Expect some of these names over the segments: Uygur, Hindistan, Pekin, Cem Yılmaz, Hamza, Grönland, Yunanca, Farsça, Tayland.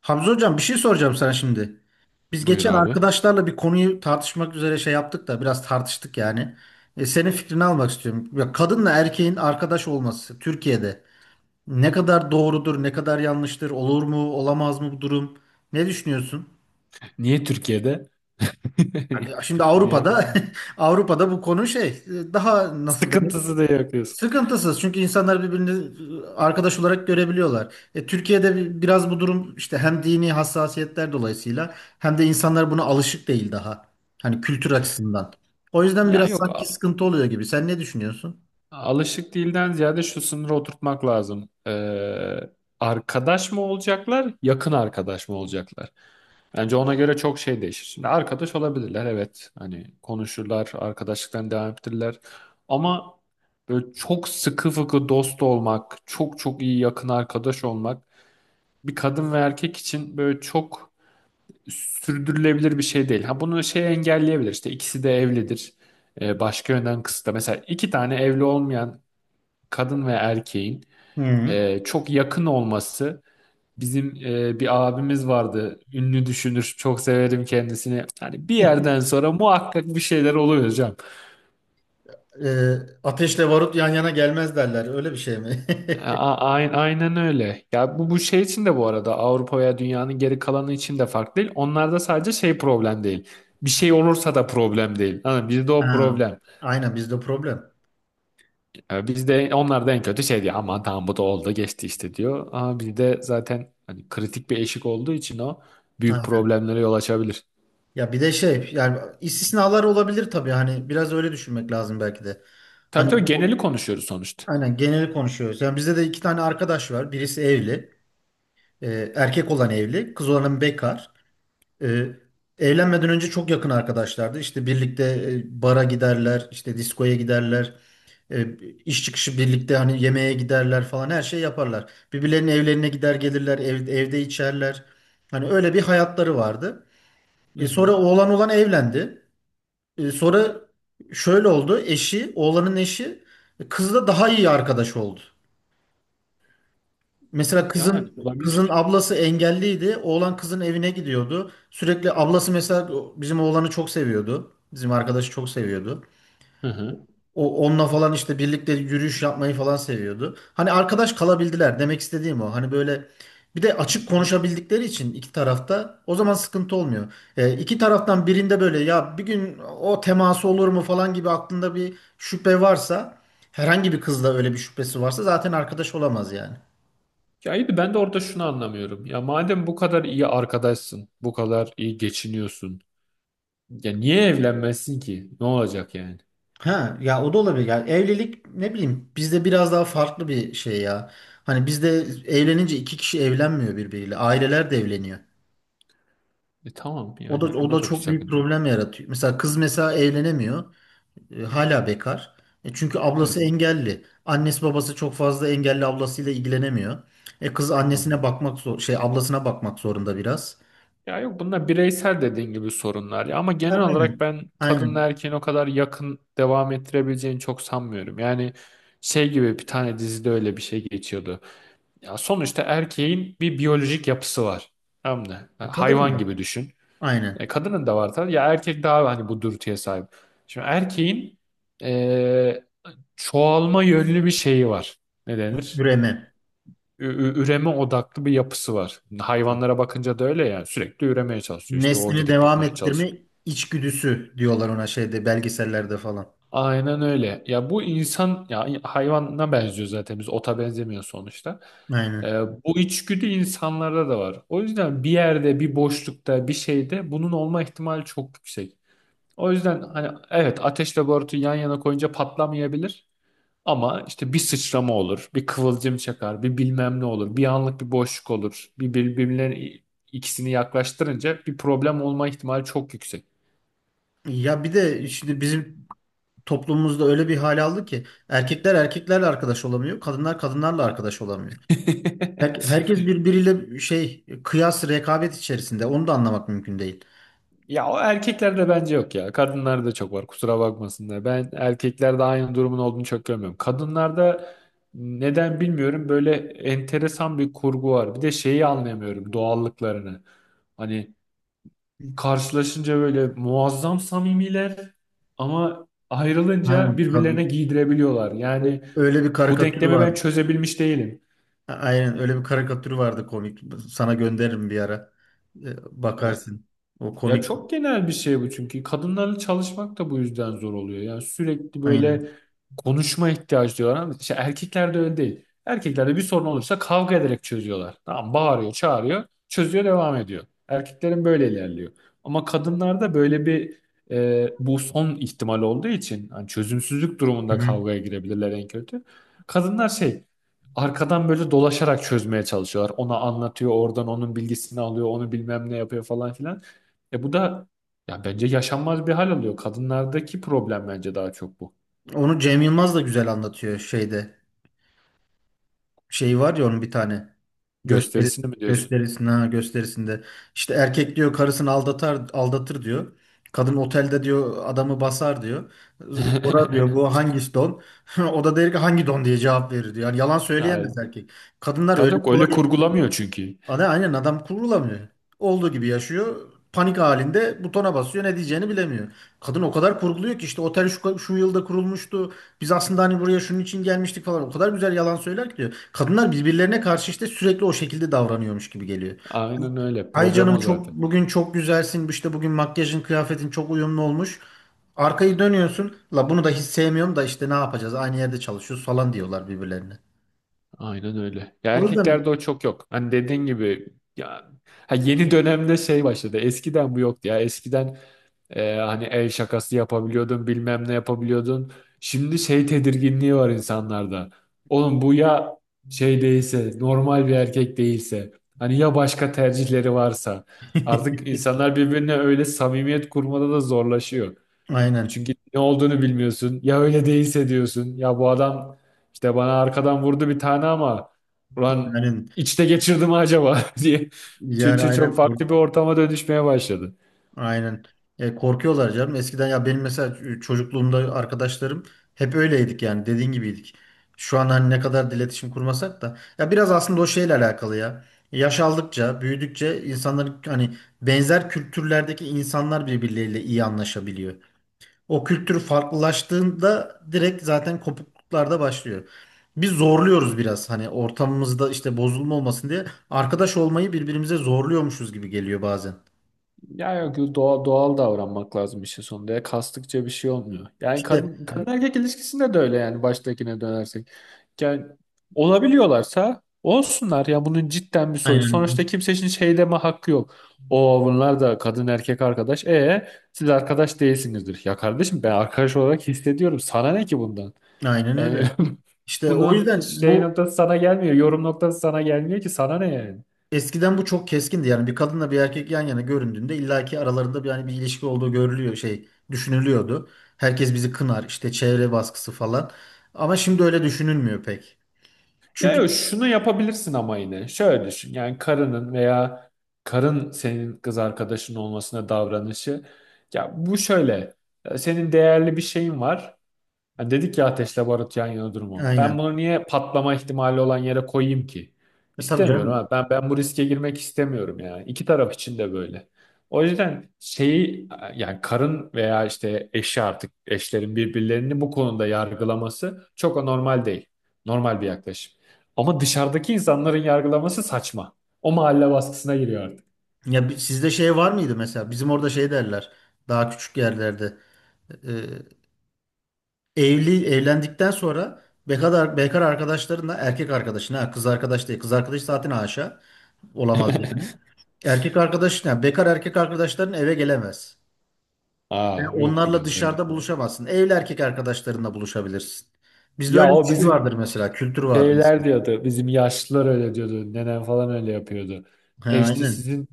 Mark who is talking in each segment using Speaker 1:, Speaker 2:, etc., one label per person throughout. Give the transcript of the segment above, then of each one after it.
Speaker 1: Hamza hocam bir şey soracağım sana şimdi. Biz
Speaker 2: Buyur
Speaker 1: geçen
Speaker 2: abi.
Speaker 1: arkadaşlarla bir konuyu tartışmak üzere şey yaptık da biraz tartıştık yani. Senin fikrini almak istiyorum. Ya kadınla erkeğin arkadaş olması Türkiye'de ne kadar doğrudur, ne kadar yanlıştır, olur mu, olamaz mı bu durum? Ne düşünüyorsun?
Speaker 2: Niye Türkiye'de?
Speaker 1: Abi, şimdi
Speaker 2: Niye?
Speaker 1: Avrupa'da Avrupa'da bu konu şey daha nasıl denir?
Speaker 2: Sıkıntısı da yok diyorsun.
Speaker 1: Sıkıntısız, çünkü insanlar birbirini arkadaş olarak görebiliyorlar. E, Türkiye'de biraz bu durum işte hem dini hassasiyetler dolayısıyla hem de insanlar buna alışık değil daha. Hani kültür açısından. O yüzden
Speaker 2: Ya
Speaker 1: biraz
Speaker 2: yok
Speaker 1: sanki sıkıntı oluyor gibi. Sen ne düşünüyorsun?
Speaker 2: alışık değilden ziyade şu sınırı oturtmak lazım. Arkadaş mı olacaklar, yakın arkadaş mı olacaklar? Bence ona göre çok şey değişir. Şimdi arkadaş olabilirler, evet. Hani konuşurlar, arkadaşlıktan devam ettirirler. Ama böyle çok sıkı fıkı dost olmak, çok çok iyi yakın arkadaş olmak bir kadın ve erkek için böyle çok sürdürülebilir bir şey değil. Ha, bunu şey engelleyebilir. İşte ikisi de evlidir. Başka yönden kısıtla. Mesela iki tane evli olmayan kadın ve erkeğin
Speaker 1: Hı.
Speaker 2: çok yakın olması, bizim bir abimiz vardı. Ünlü düşünür. Çok severim kendisini. Yani bir yerden sonra muhakkak bir şeyler oluyor hocam.
Speaker 1: E, Ateşle barut yan yana gelmez derler. Öyle bir şey mi?
Speaker 2: Aynen öyle. Ya bu şey için de, bu arada Avrupa veya dünyanın geri kalanı için de farklı değil. Onlarda sadece şey problem değil. Bir şey olursa da problem değil. Hani bizde o
Speaker 1: Ha,
Speaker 2: problem.
Speaker 1: aynen bizde problem.
Speaker 2: E, biz de onlar da en kötü şey diyor. Aman tamam, bu da oldu geçti işte diyor. Ama bir de zaten hani kritik bir eşik olduğu için o büyük
Speaker 1: Aynen.
Speaker 2: problemlere yol açabilir.
Speaker 1: Ya bir de şey yani istisnalar olabilir tabii hani biraz öyle düşünmek lazım belki de.
Speaker 2: Tabii
Speaker 1: Hani
Speaker 2: tabii, geneli konuşuyoruz sonuçta.
Speaker 1: aynen geneli konuşuyoruz. Yani bizde de iki tane arkadaş var. Birisi evli. Erkek olan evli. Kız olanın bekar. E, Evlenmeden önce çok yakın arkadaşlardı. İşte birlikte bara giderler. İşte diskoya giderler. E, iş çıkışı birlikte hani yemeğe giderler falan, her şey yaparlar. Birbirlerinin evlerine gider gelirler. Evde içerler. Hani öyle bir hayatları vardı.
Speaker 2: Hı
Speaker 1: E, sonra
Speaker 2: hı.
Speaker 1: oğlan olan evlendi. E, sonra şöyle oldu. Oğlanın eşi kızla daha iyi arkadaş oldu. Mesela
Speaker 2: Yani
Speaker 1: kızın kızın
Speaker 2: olabilir.
Speaker 1: ablası engelliydi. Oğlan kızın evine gidiyordu. Sürekli ablası mesela bizim oğlanı çok seviyordu. Bizim arkadaşı çok seviyordu.
Speaker 2: Hı hı.
Speaker 1: O onunla falan işte birlikte yürüyüş yapmayı falan seviyordu. Hani arkadaş kalabildiler, demek istediğim o. Hani böyle, bir de açık konuşabildikleri için iki tarafta o zaman sıkıntı olmuyor. E, iki taraftan birinde böyle ya bir gün o teması olur mu falan gibi aklında bir şüphe varsa, herhangi bir kızla öyle bir şüphesi varsa zaten arkadaş olamaz yani.
Speaker 2: Ya iyi de ben de orada şunu anlamıyorum. Ya madem bu kadar iyi arkadaşsın, bu kadar iyi geçiniyorsun. Ya niye evlenmezsin ki? Ne olacak yani?
Speaker 1: Ha ya o da olabilir. Yani evlilik ne bileyim bizde biraz daha farklı bir şey ya. Hani bizde evlenince iki kişi evlenmiyor birbiriyle. Aileler de evleniyor.
Speaker 2: E tamam,
Speaker 1: O da
Speaker 2: yani
Speaker 1: o da
Speaker 2: bunda da bir
Speaker 1: çok büyük
Speaker 2: sakınca yok.
Speaker 1: problem yaratıyor. Mesela kız evlenemiyor. E, hala bekar. E, çünkü
Speaker 2: Hı,
Speaker 1: ablası engelli. Annesi babası çok fazla engelli ablasıyla ilgilenemiyor. E kız annesine
Speaker 2: anladım.
Speaker 1: bakmak zor şey ablasına bakmak zorunda biraz.
Speaker 2: Ya yok, bunlar bireysel dediğin gibi sorunlar ya, ama
Speaker 1: Ha,
Speaker 2: genel olarak
Speaker 1: aynen.
Speaker 2: ben kadınla
Speaker 1: Aynen.
Speaker 2: erkeğin o kadar yakın devam ettirebileceğini çok sanmıyorum. Yani şey gibi, bir tane dizide öyle bir şey geçiyordu. Ya sonuçta erkeğin bir biyolojik yapısı var. Tamam mı? Ha,
Speaker 1: E, kadın da
Speaker 2: hayvan gibi
Speaker 1: var.
Speaker 2: düşün. E,
Speaker 1: Aynen.
Speaker 2: kadının da var tabii. Ya erkek daha hani bu dürtüye sahip. Şimdi erkeğin e, çoğalma yönlü bir şeyi var. Ne denir?
Speaker 1: Üreme.
Speaker 2: ü- Üreme odaklı bir yapısı var. Hayvanlara bakınca da öyle, yani sürekli üremeye çalışıyor. İşte o
Speaker 1: Neslini
Speaker 2: gidip
Speaker 1: devam
Speaker 2: bulmaya
Speaker 1: ettirme
Speaker 2: çalışıyor.
Speaker 1: içgüdüsü diyorlar ona şeyde belgesellerde falan.
Speaker 2: Aynen öyle. Ya bu insan ya, hayvana benziyor zaten, biz ota benzemiyor sonuçta. Ee,
Speaker 1: Aynen.
Speaker 2: Bu içgüdü insanlarda da var. O yüzden bir yerde, bir boşlukta, bir şeyde bunun olma ihtimali çok yüksek. O yüzden hani evet, ateşle barutu yan yana koyunca patlamayabilir. Ama işte bir sıçrama olur, bir kıvılcım çakar, bir bilmem ne olur, bir anlık bir boşluk olur. Bir birbirlerinin, ikisini yaklaştırınca bir problem olma ihtimali çok yüksek.
Speaker 1: Ya bir de şimdi bizim toplumumuzda öyle bir hal aldı ki erkekler erkeklerle arkadaş olamıyor, kadınlar kadınlarla arkadaş olamıyor. Herkes birbiriyle şey kıyas rekabet içerisinde. Onu da anlamak mümkün değil.
Speaker 2: Ya o erkeklerde bence yok ya. Kadınlarda çok var. Kusura bakmasınlar. Ben erkeklerde aynı durumun olduğunu çok görmüyorum. Kadınlarda neden bilmiyorum, böyle enteresan bir kurgu var. Bir de şeyi anlayamıyorum, doğallıklarını. Hani karşılaşınca böyle muazzam samimiler, ama
Speaker 1: Ha,
Speaker 2: ayrılınca
Speaker 1: kadın.
Speaker 2: birbirlerine giydirebiliyorlar. Yani
Speaker 1: Öyle bir
Speaker 2: bu
Speaker 1: karikatür
Speaker 2: denklemi ben
Speaker 1: vardı.
Speaker 2: çözebilmiş değilim.
Speaker 1: Aynen öyle bir karikatür vardı, komik. Sana gönderirim bir ara. Bakarsın. O
Speaker 2: Ya
Speaker 1: komik.
Speaker 2: çok genel bir şey bu, çünkü kadınlarla çalışmak da bu yüzden zor oluyor. Yani sürekli böyle
Speaker 1: Aynen.
Speaker 2: konuşma ihtiyacı diyorlar, ama işte erkeklerde öyle değil. Erkeklerde bir sorun olursa kavga ederek çözüyorlar. Tamam, bağırıyor, çağırıyor, çözüyor, devam ediyor. Erkeklerin böyle ilerliyor. Ama kadınlarda böyle bir bu son ihtimal olduğu için hani çözümsüzlük
Speaker 1: Hı
Speaker 2: durumunda
Speaker 1: hı.
Speaker 2: kavgaya girebilirler en kötü. Kadınlar şey, arkadan böyle dolaşarak çözmeye çalışıyorlar. Ona anlatıyor, oradan onun bilgisini alıyor, onu bilmem ne yapıyor falan filan. E bu da ya bence yaşanmaz bir hal alıyor. Kadınlardaki problem bence daha çok bu.
Speaker 1: Onu Cem Yılmaz da güzel anlatıyor şeyde. Şey var ya onun bir tane. Gösteri,
Speaker 2: Gösterisini mi diyorsun?
Speaker 1: Gösterisinde, ha, gösterisinde. İşte erkek diyor karısını aldatır diyor. Kadın otelde diyor adamı basar diyor. Sonra diyor bu hangi don? O da der ki hangi don diye cevap verir diyor. Yani yalan
Speaker 2: Yani,
Speaker 1: söyleyemez erkek. Kadınlar
Speaker 2: tabii
Speaker 1: öyle
Speaker 2: tabii öyle
Speaker 1: kolay.
Speaker 2: kurgulamıyor çünkü.
Speaker 1: Aynen adam kurulamıyor. Olduğu gibi yaşıyor. Panik halinde butona basıyor. Ne diyeceğini bilemiyor. Kadın o kadar kurguluyor ki işte otel şu, şu yılda kurulmuştu. Biz aslında hani buraya şunun için gelmiştik falan. O kadar güzel yalan söyler ki diyor. Kadınlar birbirlerine karşı işte sürekli o şekilde davranıyormuş gibi geliyor.
Speaker 2: Aynen öyle.
Speaker 1: Ay
Speaker 2: Problem
Speaker 1: canım
Speaker 2: o
Speaker 1: çok
Speaker 2: zaten.
Speaker 1: bugün çok güzelsin. İşte bugün makyajın kıyafetin çok uyumlu olmuş. Arkayı dönüyorsun. La bunu da hiç sevmiyorum da işte ne yapacağız? Aynı yerde çalışıyoruz falan diyorlar birbirlerine.
Speaker 2: Aynen öyle. Ya
Speaker 1: O yüzden
Speaker 2: erkeklerde o çok yok. Hani dediğin gibi ya, ha yeni dönemde şey başladı. Eskiden bu yoktu ya. Eskiden hani el şakası yapabiliyordun, bilmem ne yapabiliyordun. Şimdi şey tedirginliği var insanlarda. Oğlum bu ya şey değilse, normal bir erkek değilse, hani ya başka tercihleri varsa. Artık insanlar birbirine öyle samimiyet kurmada da zorlaşıyor.
Speaker 1: aynen.
Speaker 2: Çünkü ne olduğunu bilmiyorsun. Ya öyle değilse diyorsun. Ya bu adam işte bana arkadan vurdu bir tane, ama ulan
Speaker 1: Yani,
Speaker 2: içte geçirdi mi acaba diye.
Speaker 1: Yani
Speaker 2: Çünkü çok
Speaker 1: aynen.
Speaker 2: farklı bir ortama dönüşmeye başladı.
Speaker 1: Aynen. E, korkuyorlar canım. Eskiden ya benim mesela çocukluğumda arkadaşlarım hep öyleydik yani, dediğin gibiydik. Şu an hani ne kadar da iletişim kurmasak da ya biraz aslında o şeyle alakalı ya. Yaş aldıkça, büyüdükçe insanların hani benzer kültürlerdeki insanlar birbirleriyle iyi anlaşabiliyor. O kültür farklılaştığında direkt zaten kopukluklar da başlıyor. Biz zorluyoruz biraz hani ortamımızda işte bozulma olmasın diye arkadaş olmayı birbirimize zorluyormuşuz gibi geliyor bazen.
Speaker 2: Ya yok, doğal, doğal davranmak lazım işin sonunda. Ya kastıkça bir şey olmuyor. Yani
Speaker 1: İşte
Speaker 2: kadın, kadın erkek ilişkisinde de öyle, yani baştakine dönersek. Yani olabiliyorlarsa olsunlar. Ya bunun cidden bir soru.
Speaker 1: aynen.
Speaker 2: Sonuçta kimsenin şey deme hakkı yok. O bunlar da kadın erkek arkadaş. E siz arkadaş değilsinizdir. Ya kardeşim, ben arkadaş olarak hissediyorum. Sana ne ki bundan?
Speaker 1: Aynen
Speaker 2: Yani
Speaker 1: öyle. İşte o
Speaker 2: bunun
Speaker 1: yüzden
Speaker 2: şey
Speaker 1: bu,
Speaker 2: noktası sana gelmiyor. Yorum noktası sana gelmiyor ki, sana ne yani?
Speaker 1: eskiden bu çok keskindi. Yani bir kadınla bir erkek yan yana göründüğünde illaki aralarında bir yani bir ilişki olduğu görülüyor şey düşünülüyordu. Herkes bizi kınar işte çevre baskısı falan. Ama şimdi öyle düşünülmüyor pek.
Speaker 2: Ya
Speaker 1: Çünkü
Speaker 2: yok, şunu yapabilirsin ama yine. Şöyle düşün. Yani karının veya karın, senin kız arkadaşın olmasına davranışı. Ya bu şöyle. Senin değerli bir şeyin var. Ha, dedik ya, ateşle barut yan yana durumu. Ben
Speaker 1: aynen.
Speaker 2: bunu niye patlama ihtimali olan yere koyayım ki?
Speaker 1: E, tabii
Speaker 2: İstemiyorum
Speaker 1: canım.
Speaker 2: ha. Ben bu riske girmek istemiyorum yani. İki taraf için de böyle. O yüzden şeyi, yani karın veya işte eşi, artık eşlerin birbirlerini bu konuda yargılaması çok anormal değil. Normal bir yaklaşım. Ama dışarıdaki insanların yargılaması saçma. O mahalle baskısına giriyor artık.
Speaker 1: Ya sizde şey var mıydı mesela? Bizim orada şey derler. Daha küçük yerlerde. e, e, Evli evlendikten sonra bekar arkadaşlarınla erkek arkadaşına kız arkadaş değil. Kız arkadaş zaten haşa olamaz yani. Erkek arkadaşın, yani bekar erkek arkadaşların eve gelemez. Ve
Speaker 2: Aa, yoktu
Speaker 1: onlarla
Speaker 2: bizde öyle bir
Speaker 1: dışarıda
Speaker 2: şey.
Speaker 1: buluşamazsın. Evli erkek arkadaşlarınla buluşabilirsin. Bizde
Speaker 2: Ya
Speaker 1: öyle bir
Speaker 2: o
Speaker 1: şey
Speaker 2: bizim
Speaker 1: vardır mesela, kültür vardır
Speaker 2: şeyler
Speaker 1: eskiden.
Speaker 2: diyordu. Bizim yaşlılar öyle diyordu. Nenem falan öyle yapıyordu.
Speaker 1: He,
Speaker 2: E işte
Speaker 1: aynen.
Speaker 2: sizin,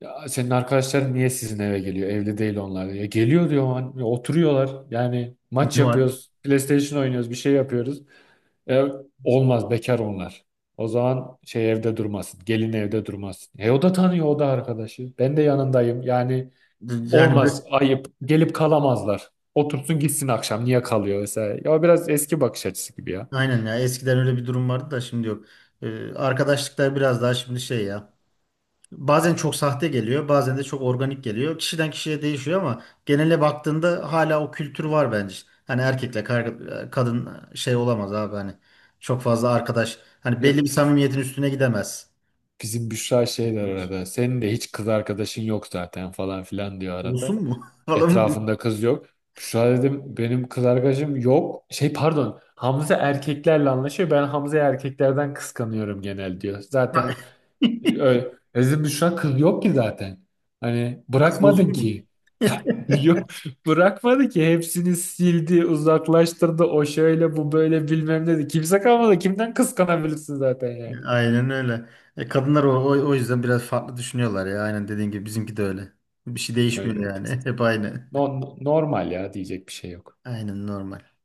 Speaker 2: ya senin arkadaşların niye sizin eve geliyor? Evli değil onlar, diyor. Ya geliyor diyor. "Hani oturuyorlar. Yani maç
Speaker 1: Ne var?
Speaker 2: yapıyoruz. PlayStation oynuyoruz. Bir şey yapıyoruz." E, olmaz, bekar onlar. O zaman şey, evde durmasın. Gelin evde durmasın. E o da tanıyor, o da arkadaşı. Ben de yanındayım. Yani
Speaker 1: Yani
Speaker 2: olmaz, ayıp. Gelip kalamazlar. Otursun gitsin akşam. Niye kalıyor vesaire. Ya biraz eski bakış açısı gibi
Speaker 1: aynen ya eskiden öyle bir durum vardı da şimdi yok. Arkadaşlıklar biraz daha şimdi şey ya. Bazen çok sahte geliyor, bazen de çok organik geliyor. Kişiden kişiye değişiyor ama genele baktığında hala o kültür var bence. Hani erkekle kadın şey olamaz abi hani. Çok fazla arkadaş. Hani belli
Speaker 2: ya.
Speaker 1: bir samimiyetin üstüne gidemez.
Speaker 2: Bizim Büşra şey der arada. "Senin de hiç kız arkadaşın yok zaten" falan filan diyor arada.
Speaker 1: Olsun mu? Falan mı diyor?
Speaker 2: Etrafında kız yok. Büşra, dedim, benim kız arkadaşım yok. Şey pardon, Hamza erkeklerle anlaşıyor. Ben Hamza'yı erkeklerden kıskanıyorum genel, diyor. Zaten öyle. Bizim Büşra, kız yok ki zaten. Hani
Speaker 1: Kız
Speaker 2: bırakmadın
Speaker 1: olsun mu?
Speaker 2: ki. Yok, bırakmadı ki, hepsini sildi, uzaklaştırdı. O şöyle, bu böyle, bilmem ne dedi. Kimse kalmadı. Kimden kıskanabilirsin zaten yani?
Speaker 1: Aynen öyle. E, kadınlar o yüzden biraz farklı düşünüyorlar ya. Aynen dediğin gibi bizimki de öyle. Bir şey
Speaker 2: Öyle.
Speaker 1: değişmiyor yani. Hep aynı.
Speaker 2: Normal ya, diyecek bir şey yok.
Speaker 1: Aynen normal.